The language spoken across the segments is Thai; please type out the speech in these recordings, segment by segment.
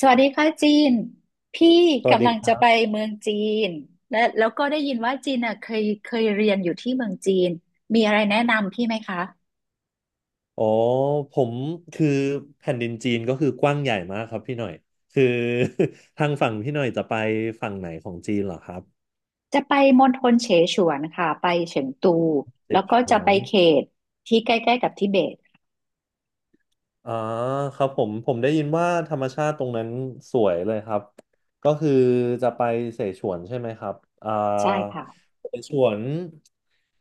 สวัสดีค่ะจีนพี่สวัสกำดีลังครัจะไปบเมืองจีนและแล้วก็ได้ยินว่าจีนอ่ะเคยเรียนอยู่ที่เมืองจีนมีอะไรแนะนำพี่ไหมคะอ๋อผมคือแผ่นดินจีนก็คือกว้างใหญ่มากครับพี่หน่อยคือ ทางฝั่งพี่หน่อยจะไปฝั่งไหนของจีนเหรอครับจะไปมณฑลเสฉวนค่ะไปเฉิงตูเสแล้วฉก็จะวไปน เขตที่ใกล้ๆกับทิเบตอ่าครับผมได้ยินว่าธรรมชาติตรงนั้นสวยเลยครับก็คือจะไปเสฉวนใช่ไหมครับอ่าใช่ค่ะเสฉวน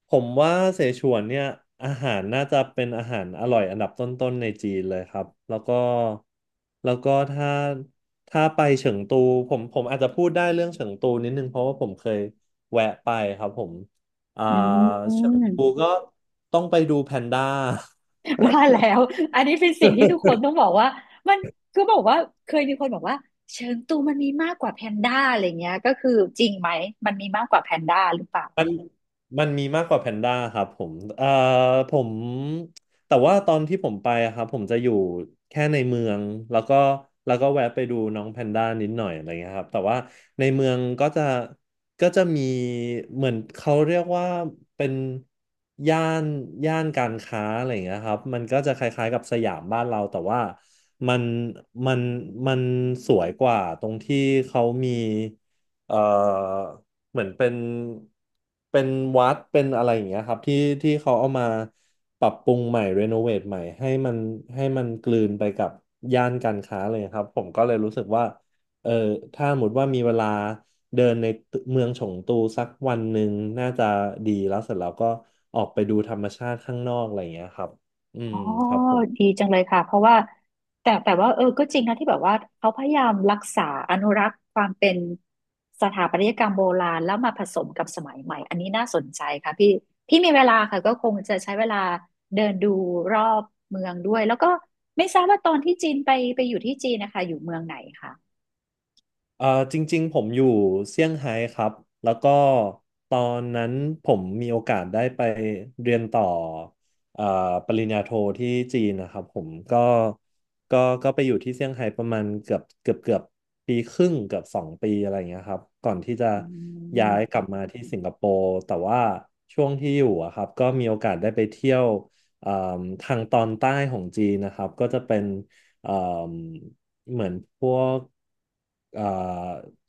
ผมว่าเสฉวนเนี่ยอาหารน่าจะเป็นอาหารอร่อยอันดับต้นๆในจีนเลยครับแล้วก็แล้วก็ถ้าถ้าไปเฉิงตูผมอาจจะพูดได้เรื่องเฉิงตูนิดนึงเพราะว่าผมเคยแวะไปครับผมอ่าอืเฉิงมตูก็ต้องไปดูแพนด้า ว่าแล้วอันนี้เป็นสิ่งที่ทุกคนต้องบอกว่ามันคือบอกว่าเคยมีคนบอกว่าเฉิงตูมันมีมากกว่าแพนด้าอะไรเงี้ยก็คือจริงไหมมันมีมากกว่าแพนด้าหรือเปล่า มัน มันมีมากกว่าแพนด้าครับผมผมแต่ว่าตอนที่ผมไปอะครับผมจะอยู่แค่ในเมืองแล้วก็แวะไปดูน้องแพนด้านิดหน่อยอะไรเงี้ยครับแต่ว่าในเมืองก็จะมีเหมือนเขาเรียกว่าเป็นย่านการค้าอะไรเงี้ยครับมันก็จะคล้ายๆกับสยามบ้านเราแต่ว่ามันมันมันสวยกว่าตรงที่เขามีเอ่อ เหมือนเป็นเป็นวัดเป็นอะไรอย่างเงี้ยครับที่ที่เขาเอามาปรับปรุงใหม่รีโนเวทใหม่ให้มันกลืนไปกับย่านการค้าเลยครับผมก็เลยรู้สึกว่าเออถ้าสมมติว่ามีเวลาเดินในเมืองฉงตูสักวันหนึ่งน่าจะดีแล้วเสร็จแล้วก็ออกไปดูธรรมชาติข้างนอกอะไรอย่างเงี้ยครับอือ๋มอ ครับผม ดีจังเลยค่ะ เพราะว่าแต่ว่าเออก็จริงนะที่แบบว่าเขาพยายามรักษาอนุรักษ์ความเป็นสถาปัตยกรรมโบราณแล้วมาผสมกับสมัยใหม่ อันนี้น่าสนใจค่ะพี่พี่มีเวลาค่ะก็คงจะใช้เวลาเดินดูรอบเมืองด้วยแล้วก็ไม่ทราบว่าตอนที่จีนไปไปอยู่ที่จีนนะคะอยู่เมืองไหนคะเอ่อจริงๆผมอยู่เซี่ยงไฮ้ครับแล้วก็ตอนนั้นผมมีโอกาสได้ไปเรียนต่อเอ่อปริญญาโทที่จีนนะครับผมก็ก็ไปอยู่ที่เซี่ยงไฮ้ประมาณเกือบปีครึ่งเกือบ2 ปีอะไรอย่างเงี้ยครับก่อนที่จะอืย้ามยกลับมาที่สิงคโปร์แต่ว่าช่วงที่อยู่อะครับก็มีโอกาสได้ไปเที่ยวเอ่อทางตอนใต้ของจีนนะครับก็จะเป็นเอ่อ เหมือนพวกเอ่อ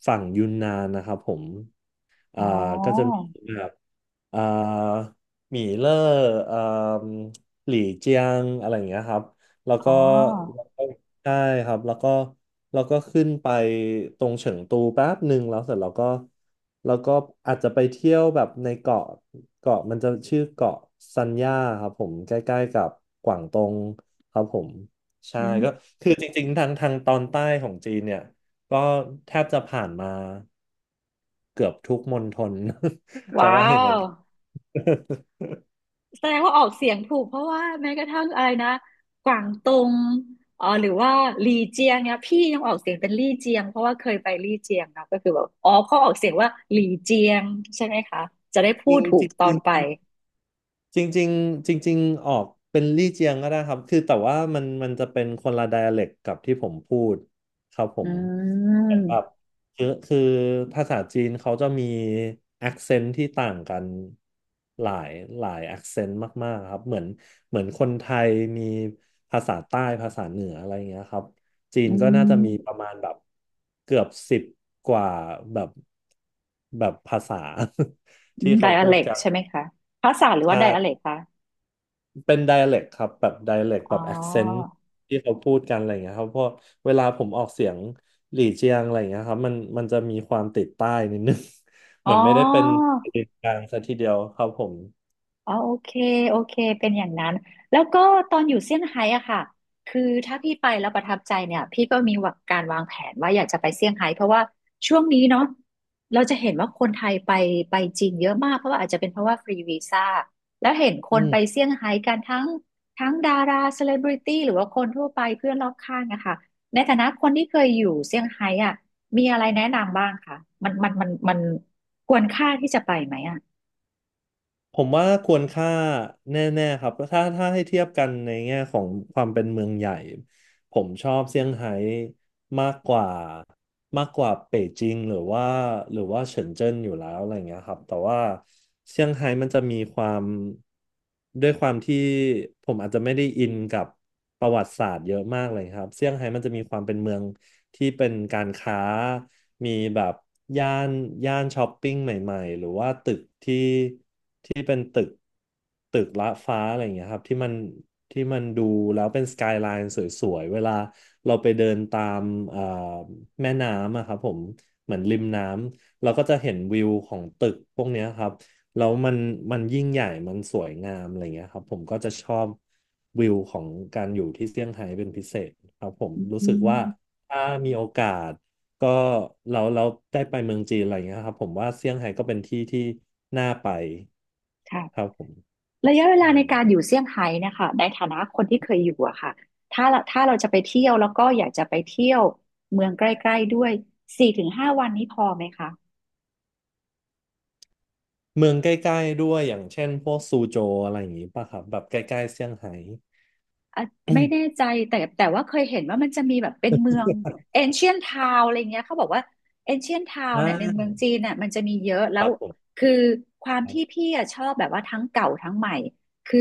ฝั่งยูนนานนะครับผมเอ่อ๋ออ ก็จะมีแบบ เอ่อหมี่เล่อเอ่มหลี่เจียงอะไรอย่างเงี้ยครับแล้วอ๋ก็อแล้วก็ใช่ครับแล้วก็ขึ้นไปตรงเฉิงตูแป๊บหนึ่งแล้วเสร็จแล้วก็แล้วก็อาจจะไปเที่ยวแบบในเกาะมันจะชื่อเกาะซันย่าครับผมใกล้ๆกับกวางตงครับผมใช่อืมก็คือจริงๆทางตอนใต้ของจีนเนี่ยก็แทบจะผ่านมาเกือบทุกมณฑล จะว้าว่าอย่างนั้น ว แสดงว่าออกเสียงถูกเพราะว่าแม้กระทั่งอะไรนะกวางตงเอ๋อหรือว่าลี่เจียงเนี่ยพี่ยังออกเสียงเป็นลี่เจียงเพราะว่าเคยไปลี่เจียงเนาะก็คือแบบอ๋อเขาออกเสียงว่าหลี่เจียงใช่ไหมคะจะได้พูจริดงถูจกริงตอนไปจริงจริงจริงจริงๆออกเป็นลี่เจียงก็ได้ครับคือแต่ว่ามันจะเป็นคนละไดอะเล็กกับที่ผมพูดครับผอืมเหมือนแบบมคือภาษาจีนเขาจะมี a c คเซนต์ที่ต่างกันหลายหลาย a c คเซนต์มากๆครับเหมือนคนไทยมีภาษาใต้ภาษาเหนืออะไรอย่างเงี้ยครับจีอืนก็น่าจะมีปมระมาณแบบเกือบ10กว่าแบบแบบภาษา อืที่มไดเขาอะพูดเล็กกัน ใช่ไหมคะภาษาหรือว่าใช่ไดอะเล็กคะเป็น d i อ l e c t ครับ แบบ d i อ l e c t อ๋แบบ accent อที่เขาพูดกันอะไรอย่างเงี้ยครับเพราะเวลาผมออกเสียงหลี่เจียงอะไรอย่างเงี้ยครับมันจะมีความติดใต้นิดนึง เหอ๋มือนไม่ได้เป็นอ กลางซะทีเดียวครับผมอ๋อโอเคโอเคเป็นอย่างนั้นแล้วก็ตอนอยู่เซี่ยงไฮ้อะค่ะคือถ้าพี่ไปแล้วประทับใจเนี่ยพี่ก็มีวางการวางแผนว่าอยากจะไปเซี่ยงไฮ้เพราะว่าช่วงนี้เนาะเราจะเห็นว่าคนไทยไปไปจีนเยอะมากเพราะว่าอาจจะเป็นเพราะว่าฟรีวีซ่าแล้วเห็นคอืนไปม เซี่ยงไฮ้กันทั้งดาราเซเลบริตี้หรือว่าคนทั่วไปเพื่อนรอบข้างอะค่ะในฐานะคนที่เคยอยู่เซี่ยงไฮ้อะมีอะไรแนะนำบ้างคะมันควรค่าที่จะไปไหมอะผมว่าควรค่าแน่ๆครับถ้าให้เทียบกันในแง่ของความเป็นเมืองใหญ่ผมชอบเซี่ยงไฮ้มากกว่าเป่ยจิงหรือว่าเฉินเจิ้นอยู่แล้วอะไรเงี้ยครับแต่ว่าเซี่ยงไฮ้มันจะมีความด้วยความที่ผมอาจจะไม่ได้อินกับประวัติศาสตร์เยอะมากเลยครับเซี่ยงไฮ้มันจะมีความเป็นเมือง ที่เป็นการค้ามีแบบย่านช้อปปิ้งใหม่ๆหรือว่าตึกที่เป็นตึกละฟ้าอะไรอย่างเงี้ยครับที่มันดูแล้วเป็นสกายไลน์สวยๆเวลาเราไปเดินตามเอ่อแม่น้ำอะครับผมเหมือนริมน้ำเราก็จะเห็นวิวของตึกพวกเนี้ยครับแล้วมันยิ่งใหญ่มันสวยงามอะไรเงี้ยครับผมก็จะชอบวิวของการอยู่ที่เซี่ยงไฮ้เป็นพิเศษครับผมรู้อืสึกว่า มถ้ามีโอกาสก็เราได้ไปเมืองจีนอะไรอย่างเงี้ยครับผมว่าเซี่ยงไฮ้ก็เป็นที่ที่น่าไปครัค่ะ บผมระยะเวลาอืในมการอยู่เซี่ยงไฮ้เนะคะในฐานะคนที่เคยอยู่อะค่ะถ้าเราจะไปเที่ยวแล้วก็อยากจะไปเที่ยวเมืองใกล้ๆด้วยสี่ถึงห้าวันนี้พอไหมคะ เมืองใกล้ๆด้วยอย่างเช่นพวกซูโจวอะไรอย่างงี้ป่ะครับแบบใกล้ๆเซี่ยงไฮ้ อืไม่แน่มใจแต่ว่าเคยเห็นว่ามันจะมีแบบเป็นเมืองเอน i e n t นทาวอะไรเงี้ยเขาบอกว่าเอน i e n t นทาวอเนี่ยในเมือ่างจีนเน่ยมันจะมีเยอะแล้ควรับผมคือความครัที่บพี่อะชอบแบบว่าทั้งเก่าทั้งใหม่คือ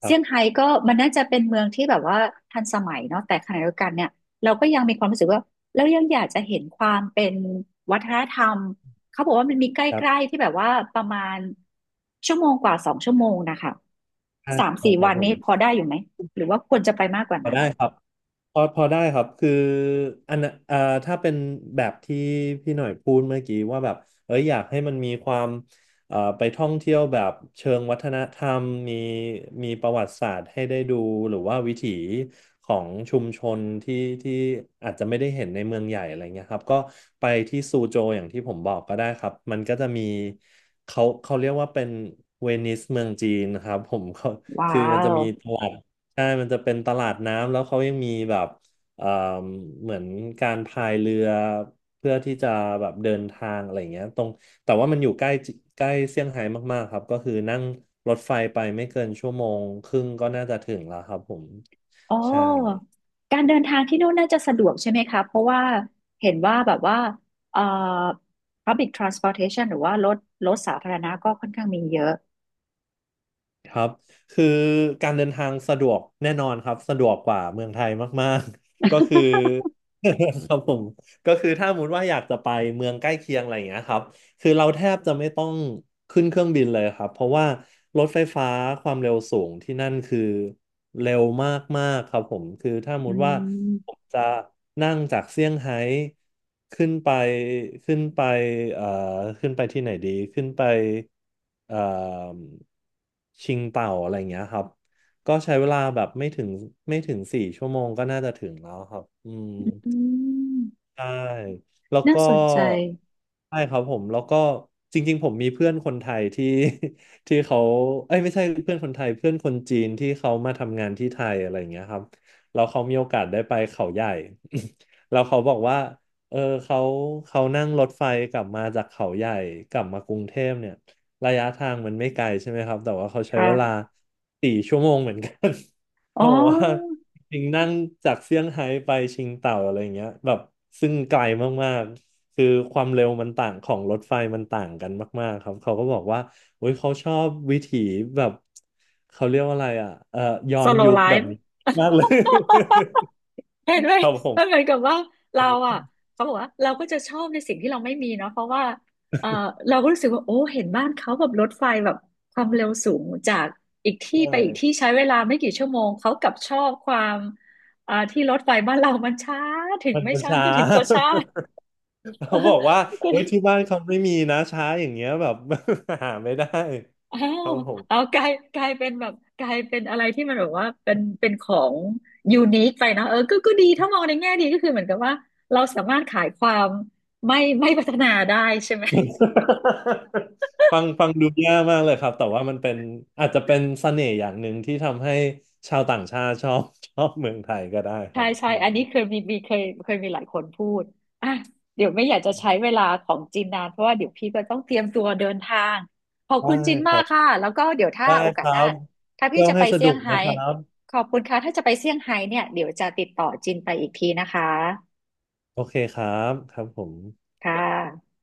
ครัเซี่บยงไฮ้ก็มันน่าจะเป็นเมืองที่แบบว่าทันสมัยเนาะแต่ขณะเดียวกันเนี่ยเราก็ยังมีความรู้สึกว่าเรายังอยากจะเห็นความเป็นวัฒนธรรมเขาบอกว่ามันมีใกครับล้ๆที่แบบว่าประมาณชั่วโมงกว่าสองชั่วโมงนะคะอ่าสามได้สี่ครัวับนผมนี้พอได้อยู่ไหม หรือว่าควรจะไปมากกว่าพอนั้นได้ครับ พอได้ครับคืออันน่ะถ้าเป็นแบบที่พี่หน่อยพูดเมื่อกี้ว่าแบบเอ้ยอยากให้มันมีความไปท่องเที่ยวแบบเชิงวัฒนธรรมมีประวัติศาสตร์ให้ได้ดูหรือว่าวิถีของชุมชนที่อาจจะไม่ได้เห็นในเมืองใหญ่อะไรเงี้ยครับก็ไปที่ซูโจอย่างที่ผมบอกก็ได้ครับมันก็จะมีเขาเรียกว่าเป็นเวนิสเมืองจีนนะครับผมก็ว้าคือมันจะวมีตลาด ใช่มันจะเป็นตลาดน้ำแล้วเขายังมีแบบเอ่อเหมือนการพายเรือเพื่อที่จะแบบเดินทางอะไรอย่างเงี้ยตรงแต่ว่ามันอยู่ใกล้เซี่ยงไฮ้มากๆครับก็คือนั่งรถไฟไปไม่เกินชั่วโมงครึ่งก็น่าจะถึงแล้วครับผมอ๋ใช่อการเดินทางที่นู่นน่าจะสะดวกใช่ไหมคะเพราะว่าเห็นว่าแบบว่าเอ่อ public transportation หรือว่ารถสาธารณะก็ค่อนข้างมีเยอะ ครับคือการเดินทางสะดวกแน่นอนครับสะดวกกว่าเมืองไทยมากๆ ก็คือ ครับผมก็คือถ้าสมมติว่าอยากจะไปเมืองใกล้เคียงอะไรอย่างเงี้ยครับ คือเราแทบจะไม่ต้องขึ้นเครื่องบินเลยครับเพราะว่ารถไฟฟ้าความเร็วสูงที่นั่นคือเร็วมากๆครับผมคือถ้าสมมอืติว่าผมมจะนั่งจากเซี่ยงไฮ้ขึ้นไปขึ้นไปเอ่อขึ้นไปที่ไหนดีขึ้นไปเอ่อชิงเต่าอะไรอย่างเงี้ยครับก็ใช้เวลาแบบไม่ถึงสี่ชั่วโมงก็น่าจะถึงแล้วครับอืม อืมใช่แล้วน่าก็สนใจใช่ครับผมแล้วก็จริงๆผมมีเพื่อนคนไทยที่ ที่เขาเอ้ยไม่ใช่เพื่อนคนไทยเพื่อนคนจีนที่เขามาทำงานที่ไทยอะไรอย่างเงี้ยครับแล้วเขามีโอกาสได้ไปเขาใหญ่ แล้วเขาบอกว่าเออเขาเขานั่งรถไฟกลับมาจากเขาใหญ่กลับมากรุงเทพเนี่ยระยะทางมันไม่ไกลใช่ไหมครับแต่ว่าเขาใช้เวลาค่ะสี่ชั่วโมงเหมือนกัน อ๋อ เขาบอกว่า ชิงนั่งจากเซี่ยงไฮ้ไปชิงเต่าอะไรอย่างเงี้ยแบบซึ่งไกลมากๆคือความเร็วมันต่างของรถไฟมันต่างกันมากๆครับเขาก็บอกว่าโอ้ยเขาชอบวิถีแบบเขาเรียกว่าอะไรอ่ะย้อน solo ยุคแบบ life นี้มากเลย เห็นไหม ครับผมันเหมืมอนกับว่าโอเรา้อ่ะเขาบอกว่าเราก็จะชอบในสิ่งที่เราไม่มีเนาะเพราะว่าเออเราก็รู้สึกว่าโอ้เห็นบ้านเขาแบบรถไฟแบบความเร็วสูงจากอีกใชที่ไปอีกที่่ใช้เวลาไม่กี่ชั่วโมงเขากลับชอบความอ่าที่รถไฟบ้านเรามันช้าถึงมันไม่มันช้าช้า ก็ถึงก็ช้า เเขาบอกว่าอเฮ้ยอ ที่บ้านเขาไม่มีนะช้าอย่างเงี้ยแบบ หาไม่ได้อ้าควรับผม เอากลายกลายเป็นแบบกลายเป็นอะไรที่มันแบบว่าเป็นของยูนิคไปเนอะเออก็ก็ดีถ้ามองในแง่ดีก็คือเหมือนกับว่าเราสามารถขายความไม่พัฒนาได้ใช่ไหม ฟังดูแยากมากเลยครับแต่ว่ามันเป็นอาจจะเป็นเสน่ห์อย่างหนึ่งที่ทำให้ชาวต่างชาติชอบ ชอบเมืองไทยก็ได้ครัใช่บใช่อืมอันนี้เคยมีมีเคยเคยมีหลายคนพูดอ่ะเดี๋ยวไม่อยากจะใช้เวลาของจินนานเพราะว่าเดี๋ยวพี่ก็ต้องเตรียมตัวเดินทางขอบได้คุณจินคมารักบค่ะแล้วก็เดี๋ยวถ้าได้โอคกาสรัหน้าบถ้าพี่เที่ยวจะไปให้สเซี่นุยงกไฮ้นะครับขอบคุณค่ะถ้าจะไปเซี่ยงไฮ้เนี่ยเดี๋ยวจะติดต่อจินไปอีกทีนะคะโอเคครับครับผมค่ะ